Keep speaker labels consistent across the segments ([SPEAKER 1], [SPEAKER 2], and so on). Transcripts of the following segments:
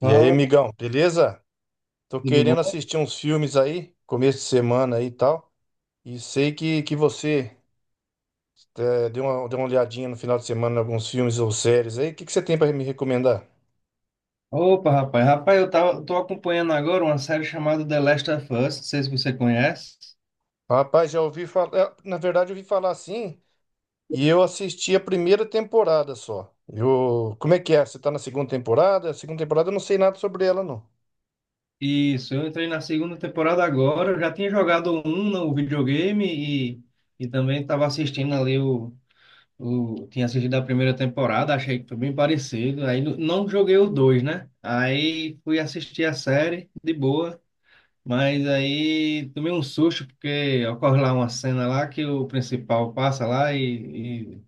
[SPEAKER 1] E aí,
[SPEAKER 2] Fala,
[SPEAKER 1] amigão, beleza? Tô
[SPEAKER 2] tudo
[SPEAKER 1] querendo
[SPEAKER 2] bom?
[SPEAKER 1] assistir uns filmes aí, começo de semana aí e tal. E sei que você deu uma olhadinha no final de semana em alguns filmes ou séries aí. O que você tem pra me recomendar?
[SPEAKER 2] Opa, rapaz. Rapaz, tô acompanhando agora uma série chamada The Last of Us, não sei se você conhece.
[SPEAKER 1] Rapaz, já ouvi falar. Na verdade, eu ouvi falar assim e eu assisti a primeira temporada só. Eu... Como é que é? Você tá na segunda temporada? A segunda temporada eu não sei nada sobre ela, não.
[SPEAKER 2] Isso, eu entrei na segunda temporada agora, eu já tinha jogado um no videogame e, e também estava assistindo ali. Tinha assistido a primeira temporada, achei que foi bem parecido. Aí não joguei o dois, né? Aí fui assistir a série, de boa. Mas aí tomei um susto, porque ocorre lá uma cena lá que o principal passa lá e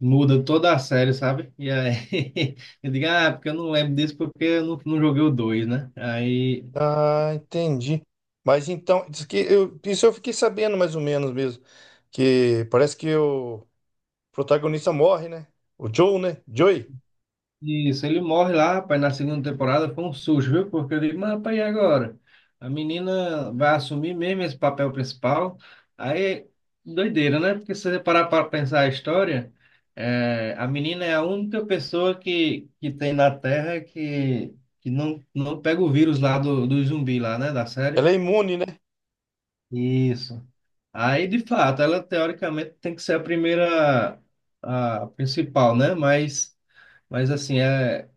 [SPEAKER 2] muda toda a série, sabe? E aí eu digo, ah, porque eu não lembro disso porque eu não joguei o 2, né? Aí,
[SPEAKER 1] Ah, entendi. Mas então, diz que eu... isso eu fiquei sabendo mais ou menos mesmo. Que parece que eu. Protagonista morre, né? O Joe, né? Joey.
[SPEAKER 2] isso, ele morre lá, rapaz, na segunda temporada foi um susto, viu? Porque eu digo, mas rapaz, e agora? A menina vai assumir mesmo esse papel principal. Aí, doideira, né? Porque se você parar para pensar a história, é, a menina é a única pessoa que tem na Terra que, que não pega o vírus lá do zumbi lá, né? Da série.
[SPEAKER 1] Ela é imune, né?
[SPEAKER 2] Isso. Aí, de fato, ela teoricamente tem que ser a primeira, a principal, né? Mas assim, é,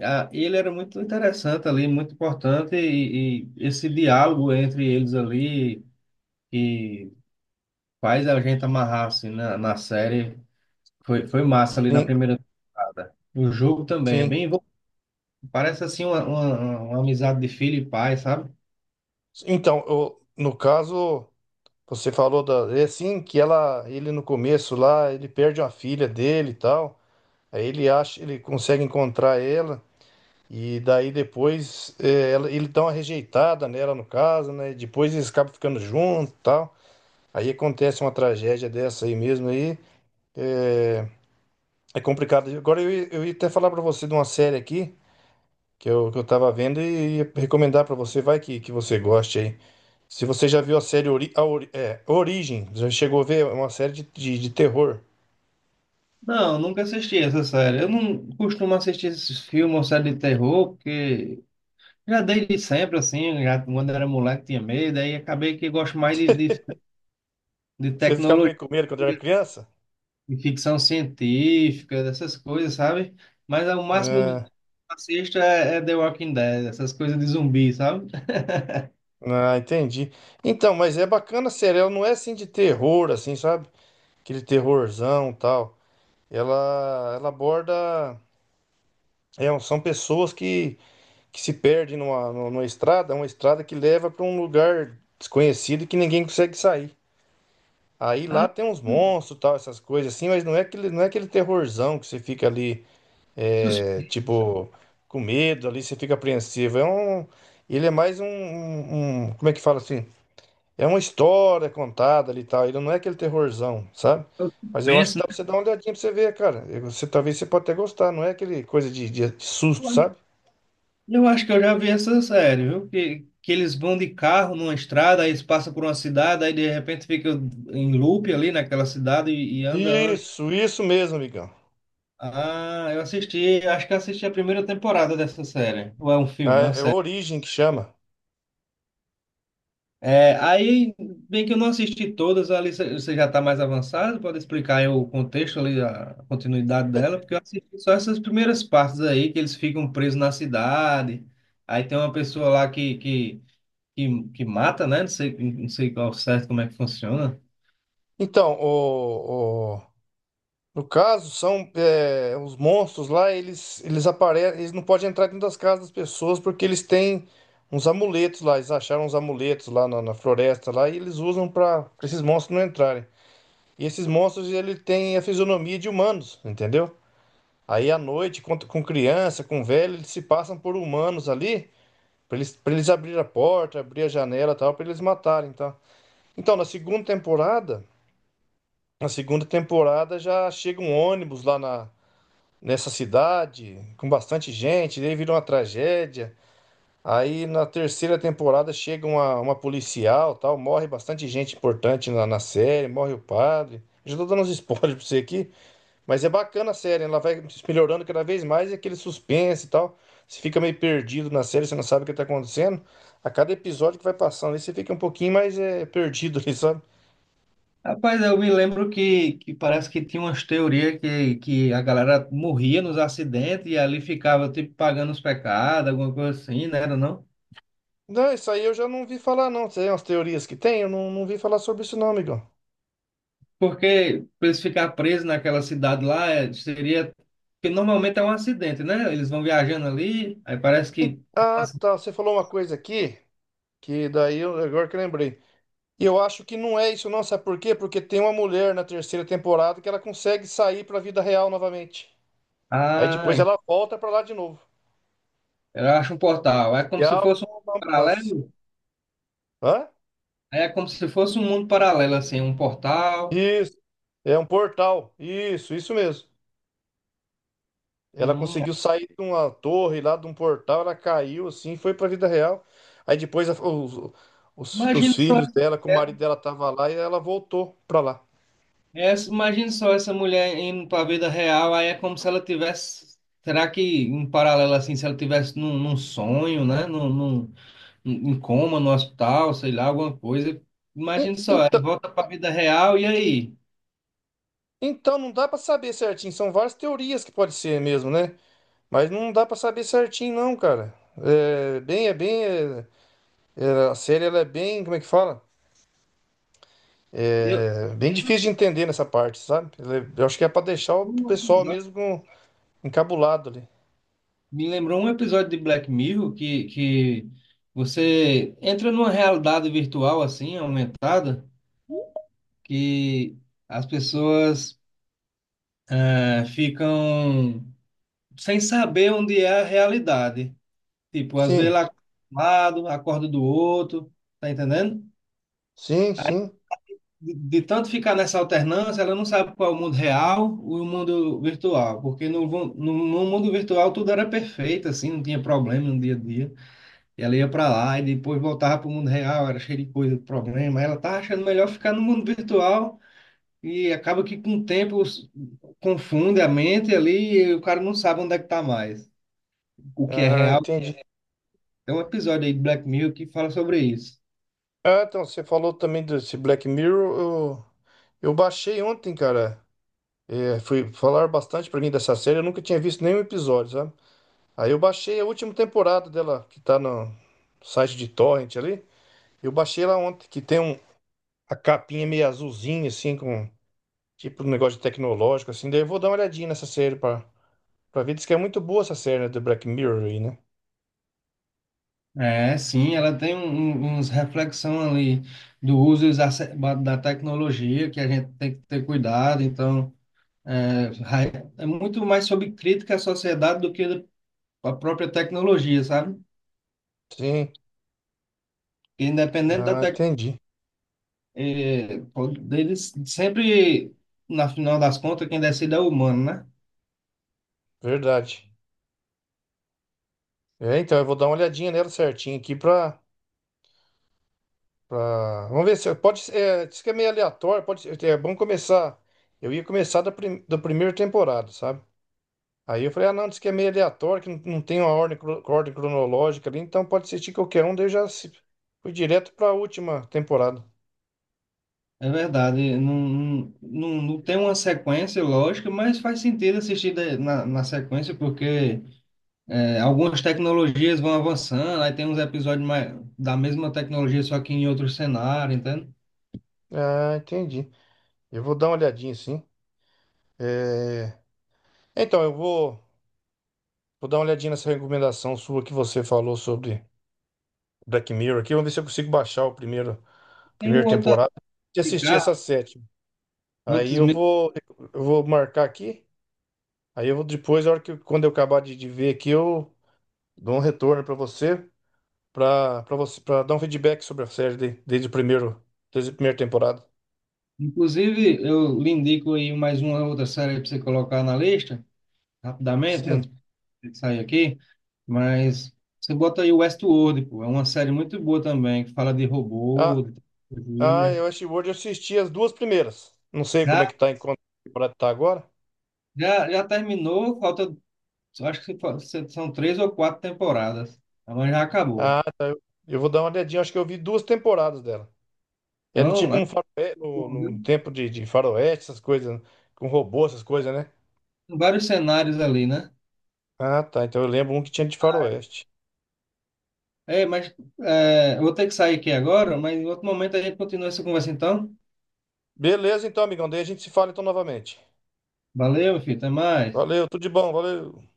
[SPEAKER 2] a, ele era muito interessante ali, muito importante, e esse diálogo entre eles ali, que faz a gente amarrar assim, na série, foi massa ali na
[SPEAKER 1] Sim,
[SPEAKER 2] primeira temporada. O jogo também é
[SPEAKER 1] sim.
[SPEAKER 2] bem, envol- parece assim uma amizade de filho e pai, sabe?
[SPEAKER 1] Então, no caso, você falou da. É assim que ela, ele no começo lá, ele perde uma filha dele e tal. Aí ele acha, ele consegue encontrar ela. E daí depois é, ele dá uma rejeitada nela, no caso, né? E depois eles acabam ficando juntos e tal. Aí acontece uma tragédia dessa aí mesmo aí. É, é complicado. Agora eu, eu ia até falar pra você de uma série aqui. Que eu tava vendo e ia recomendar pra você, vai que você goste aí. Se você já viu a série Ori, a é, Origem, já chegou a ver, é uma série de, de terror.
[SPEAKER 2] Não, nunca assisti essa série. Eu não costumo assistir esses filmes ou série de terror, porque já desde sempre, assim, já quando era moleque tinha medo, aí acabei que gosto mais de
[SPEAKER 1] Você ficava
[SPEAKER 2] tecnologia,
[SPEAKER 1] meio com medo quando era criança?
[SPEAKER 2] de ficção científica, dessas coisas, sabe? Mas ao máximo do
[SPEAKER 1] É,
[SPEAKER 2] que eu assisto é, é The Walking Dead, essas coisas de zumbi, sabe?
[SPEAKER 1] ah, entendi. Então, mas é bacana a série, ela não é assim de terror, assim, sabe? Aquele terrorzão e tal. Ela aborda. É, são pessoas que se perdem numa, numa estrada, uma estrada que leva pra um lugar desconhecido que ninguém consegue sair. Aí lá
[SPEAKER 2] Ah,
[SPEAKER 1] tem uns monstros, tal, essas coisas assim, mas não é aquele, não é aquele terrorzão que você fica ali, é, tipo, com medo ali, você fica apreensivo. É um, ele é mais um, um, como é que fala assim? É uma história contada ali e tal. Ele não é aquele terrorzão, sabe? Mas eu acho que
[SPEAKER 2] suspense,
[SPEAKER 1] dá pra
[SPEAKER 2] né?
[SPEAKER 1] você dar uma olhadinha pra você ver, cara. E você, talvez você pode até gostar, não é aquele coisa de, de susto, sabe?
[SPEAKER 2] Eu acho que eu já vi essa série, viu? Que eles vão de carro numa estrada, aí eles passam por uma cidade, aí de repente fica em loop ali naquela cidade e anda, anda.
[SPEAKER 1] Isso mesmo, amigão.
[SPEAKER 2] Ah, eu assisti, acho que eu assisti a primeira temporada dessa série. Ou é um filme, é uma
[SPEAKER 1] É, é
[SPEAKER 2] série.
[SPEAKER 1] Origem que chama.
[SPEAKER 2] É, aí, bem que eu não assisti todas, ali você já está mais avançado, pode explicar aí o contexto ali, a continuidade dela, porque eu assisti só essas primeiras partes aí, que eles ficam presos na cidade, aí tem uma pessoa lá que mata, né? Não sei, não sei ao certo como é que funciona.
[SPEAKER 1] Então, o, no caso, são é, os monstros lá, eles aparecem, eles não podem entrar dentro das casas das pessoas porque eles têm uns amuletos lá, eles acharam uns amuletos lá na, na floresta lá e eles usam para esses monstros não entrarem. E esses monstros ele tem a fisionomia de humanos, entendeu? Aí à noite, com criança, com velho, eles se passam por humanos ali para eles abrir a porta, abrir a janela, e tal, para eles matarem, tá? Então, na segunda temporada já chega um ônibus lá na nessa cidade, com bastante gente, daí virou uma tragédia. Aí na terceira temporada chega uma policial, tal, morre bastante gente importante na, na série, morre o padre. Já tô dando uns spoilers pra você aqui, mas é bacana a série, ela vai melhorando cada vez mais e aquele suspense e tal. Você fica meio perdido na série, você não sabe o que tá acontecendo. A cada episódio que vai passando, aí você fica um pouquinho mais é, perdido ali, sabe?
[SPEAKER 2] Rapaz, eu me lembro que parece que tinha umas teorias que a galera morria nos acidentes e ali ficava, tipo, pagando os pecados, alguma coisa assim, né? Era não?
[SPEAKER 1] Não, isso aí eu já não vi falar, não. Tem umas teorias que tem, eu não, não vi falar sobre isso, não, amigão.
[SPEAKER 2] Porque para eles ficar presos naquela cidade lá, é, seria... Porque normalmente é um acidente, né? Eles vão viajando ali, aí parece que...
[SPEAKER 1] Ah, tá. Você falou uma coisa aqui que daí eu, agora que eu lembrei. E eu acho que não é isso, não. Sabe por quê? Porque tem uma mulher na terceira temporada que ela consegue sair pra vida real novamente. Aí
[SPEAKER 2] Ah,
[SPEAKER 1] depois ela volta pra lá de novo.
[SPEAKER 2] eu acho um portal. É
[SPEAKER 1] E
[SPEAKER 2] como se
[SPEAKER 1] abre
[SPEAKER 2] fosse um
[SPEAKER 1] um lance.
[SPEAKER 2] paralelo.
[SPEAKER 1] Hã?
[SPEAKER 2] É como se fosse um mundo paralelo, assim, um portal.
[SPEAKER 1] Isso. É um portal. Isso mesmo. Ela
[SPEAKER 2] Hum.
[SPEAKER 1] conseguiu sair de uma torre lá, de um portal, ela caiu assim, foi pra vida real. Aí depois os, os
[SPEAKER 2] Imagina só
[SPEAKER 1] filhos
[SPEAKER 2] essa
[SPEAKER 1] dela, com o
[SPEAKER 2] mulher,
[SPEAKER 1] marido dela tava lá e ela voltou pra lá.
[SPEAKER 2] essa- imagina só essa mulher indo para a vida real, aí é como se ela tivesse, será que em paralelo assim, se ela tivesse num sonho, né, num, em coma no hospital, sei lá, alguma coisa. Imagina só,
[SPEAKER 1] En-
[SPEAKER 2] aí volta para a vida real e aí?
[SPEAKER 1] Então, não dá pra saber certinho. São várias teorias que pode ser mesmo, né? Mas não dá pra saber certinho, não, cara. É bem, é bem, é, a série ela é bem. Como é que fala?
[SPEAKER 2] Eu,
[SPEAKER 1] É bem difícil de entender nessa parte, sabe? Eu acho que é pra deixar o
[SPEAKER 2] um
[SPEAKER 1] pessoal
[SPEAKER 2] episódio,
[SPEAKER 1] mesmo encabulado ali.
[SPEAKER 2] Me lembrou um episódio de Black Mirror que você entra numa realidade virtual assim, aumentada, que as pessoas ficam sem saber onde é a realidade. Tipo, às vezes
[SPEAKER 1] Sim,
[SPEAKER 2] lá acorda de um lado, acorda do outro, tá entendendo?
[SPEAKER 1] sim,
[SPEAKER 2] Aí,
[SPEAKER 1] sim.
[SPEAKER 2] de tanto ficar nessa alternância, ela não sabe qual é o mundo real e o mundo virtual, porque no, vu- no mundo virtual tudo era perfeito, assim, não tinha problema no dia a dia. E ela ia para lá e depois voltava para o mundo real, era cheio de coisa, de problema. Aí ela tá achando melhor ficar no mundo virtual e acaba que com o tempo os- confunde a mente ali e o cara não sabe onde é que tá mais, o que é
[SPEAKER 1] Ah,
[SPEAKER 2] real.
[SPEAKER 1] entendi.
[SPEAKER 2] Tem um episódio aí de Black Mirror que fala sobre isso.
[SPEAKER 1] Ah, então, você falou também desse Black Mirror. Eu baixei ontem, cara. É, foi falar bastante pra mim dessa série. Eu nunca tinha visto nenhum episódio, sabe? Aí eu baixei a última temporada dela, que tá no site de Torrent ali. Eu baixei lá ontem, que tem um, a capinha meio azulzinha, assim, com tipo um negócio tecnológico, assim. Daí eu vou dar uma olhadinha nessa série pra, pra ver. Diz que é muito boa essa série, né, do Black Mirror aí, né?
[SPEAKER 2] É, sim, ela tem um, um- uns reflexão ali do uso exacerbado da tecnologia, que a gente tem que ter cuidado. Então, é, ra- é muito mais sobre crítica à sociedade do que a própria tecnologia, sabe?
[SPEAKER 1] Sim.
[SPEAKER 2] Porque independente da
[SPEAKER 1] Ah,
[SPEAKER 2] tecnologia,
[SPEAKER 1] entendi.
[SPEAKER 2] eles sempre, na final das contas, quem decide é o humano, né?
[SPEAKER 1] Verdade. É, então eu vou dar uma olhadinha nela certinho aqui pra. Pra... Vamos ver se. Pode ser. É, diz que é meio aleatório, pode ser. É bom começar. Eu ia começar da, prim... da primeira temporada, sabe? Aí eu falei, ah, não, diz que é meio aleatório, que não, não tem uma ordem, ordem cronológica ali, então pode assistir qualquer um, daí eu já. Fui direto para a última temporada.
[SPEAKER 2] É verdade, não, não, não tem uma sequência lógica, mas faz sentido assistir de- na sequência, porque é, algumas tecnologias vão avançando, aí tem uns episódios mais, da mesma tecnologia, só que em outro cenário, entende?
[SPEAKER 1] Ah, entendi. Eu vou dar uma olhadinha, sim. É, então, eu vou, vou dar uma olhadinha nessa recomendação sua que você falou sobre Black Mirror aqui, vamos ver se eu consigo baixar o primeiro,
[SPEAKER 2] Tem um
[SPEAKER 1] primeira
[SPEAKER 2] outro a
[SPEAKER 1] temporada e assistir
[SPEAKER 2] indicar,
[SPEAKER 1] essa sétima. Aí
[SPEAKER 2] antes mesmo.
[SPEAKER 1] eu vou marcar aqui, aí eu vou depois, a hora que, quando eu acabar de ver aqui, eu dou um retorno para você. Para você para dar um feedback sobre a série desde o primeiro desde a primeira temporada.
[SPEAKER 2] Inclusive, eu lhe indico aí mais uma outra série para você colocar na lista, rapidamente,
[SPEAKER 1] Sim.
[SPEAKER 2] antes de sair aqui, mas você bota aí Westworld, pô, é uma série muito boa também, que fala de
[SPEAKER 1] Ah,
[SPEAKER 2] robô, de
[SPEAKER 1] ah, eu
[SPEAKER 2] tecnologia.
[SPEAKER 1] Westworld eu assisti as duas primeiras. Não sei como é
[SPEAKER 2] Já,
[SPEAKER 1] que tá em quanto temporada tá agora.
[SPEAKER 2] já terminou, falta, acho que fa- são três ou quatro temporadas, mas já acabou.
[SPEAKER 1] Ah, eu vou dar uma olhadinha, acho que eu vi duas temporadas dela. É no tipo
[SPEAKER 2] Então,
[SPEAKER 1] um faroeste, no, no tempo de faroeste, essas coisas, com robô, essas coisas, né?
[SPEAKER 2] vários cenários ali, né?
[SPEAKER 1] Ah, tá. Então eu lembro um que tinha de faroeste.
[SPEAKER 2] É, mas é, eu vou ter que sair aqui agora, mas em outro momento a gente continua essa conversa então.
[SPEAKER 1] Beleza, então, amigão. Daí a gente se fala então novamente.
[SPEAKER 2] Valeu, meu filho, até mais.
[SPEAKER 1] Valeu, tudo de bom, valeu.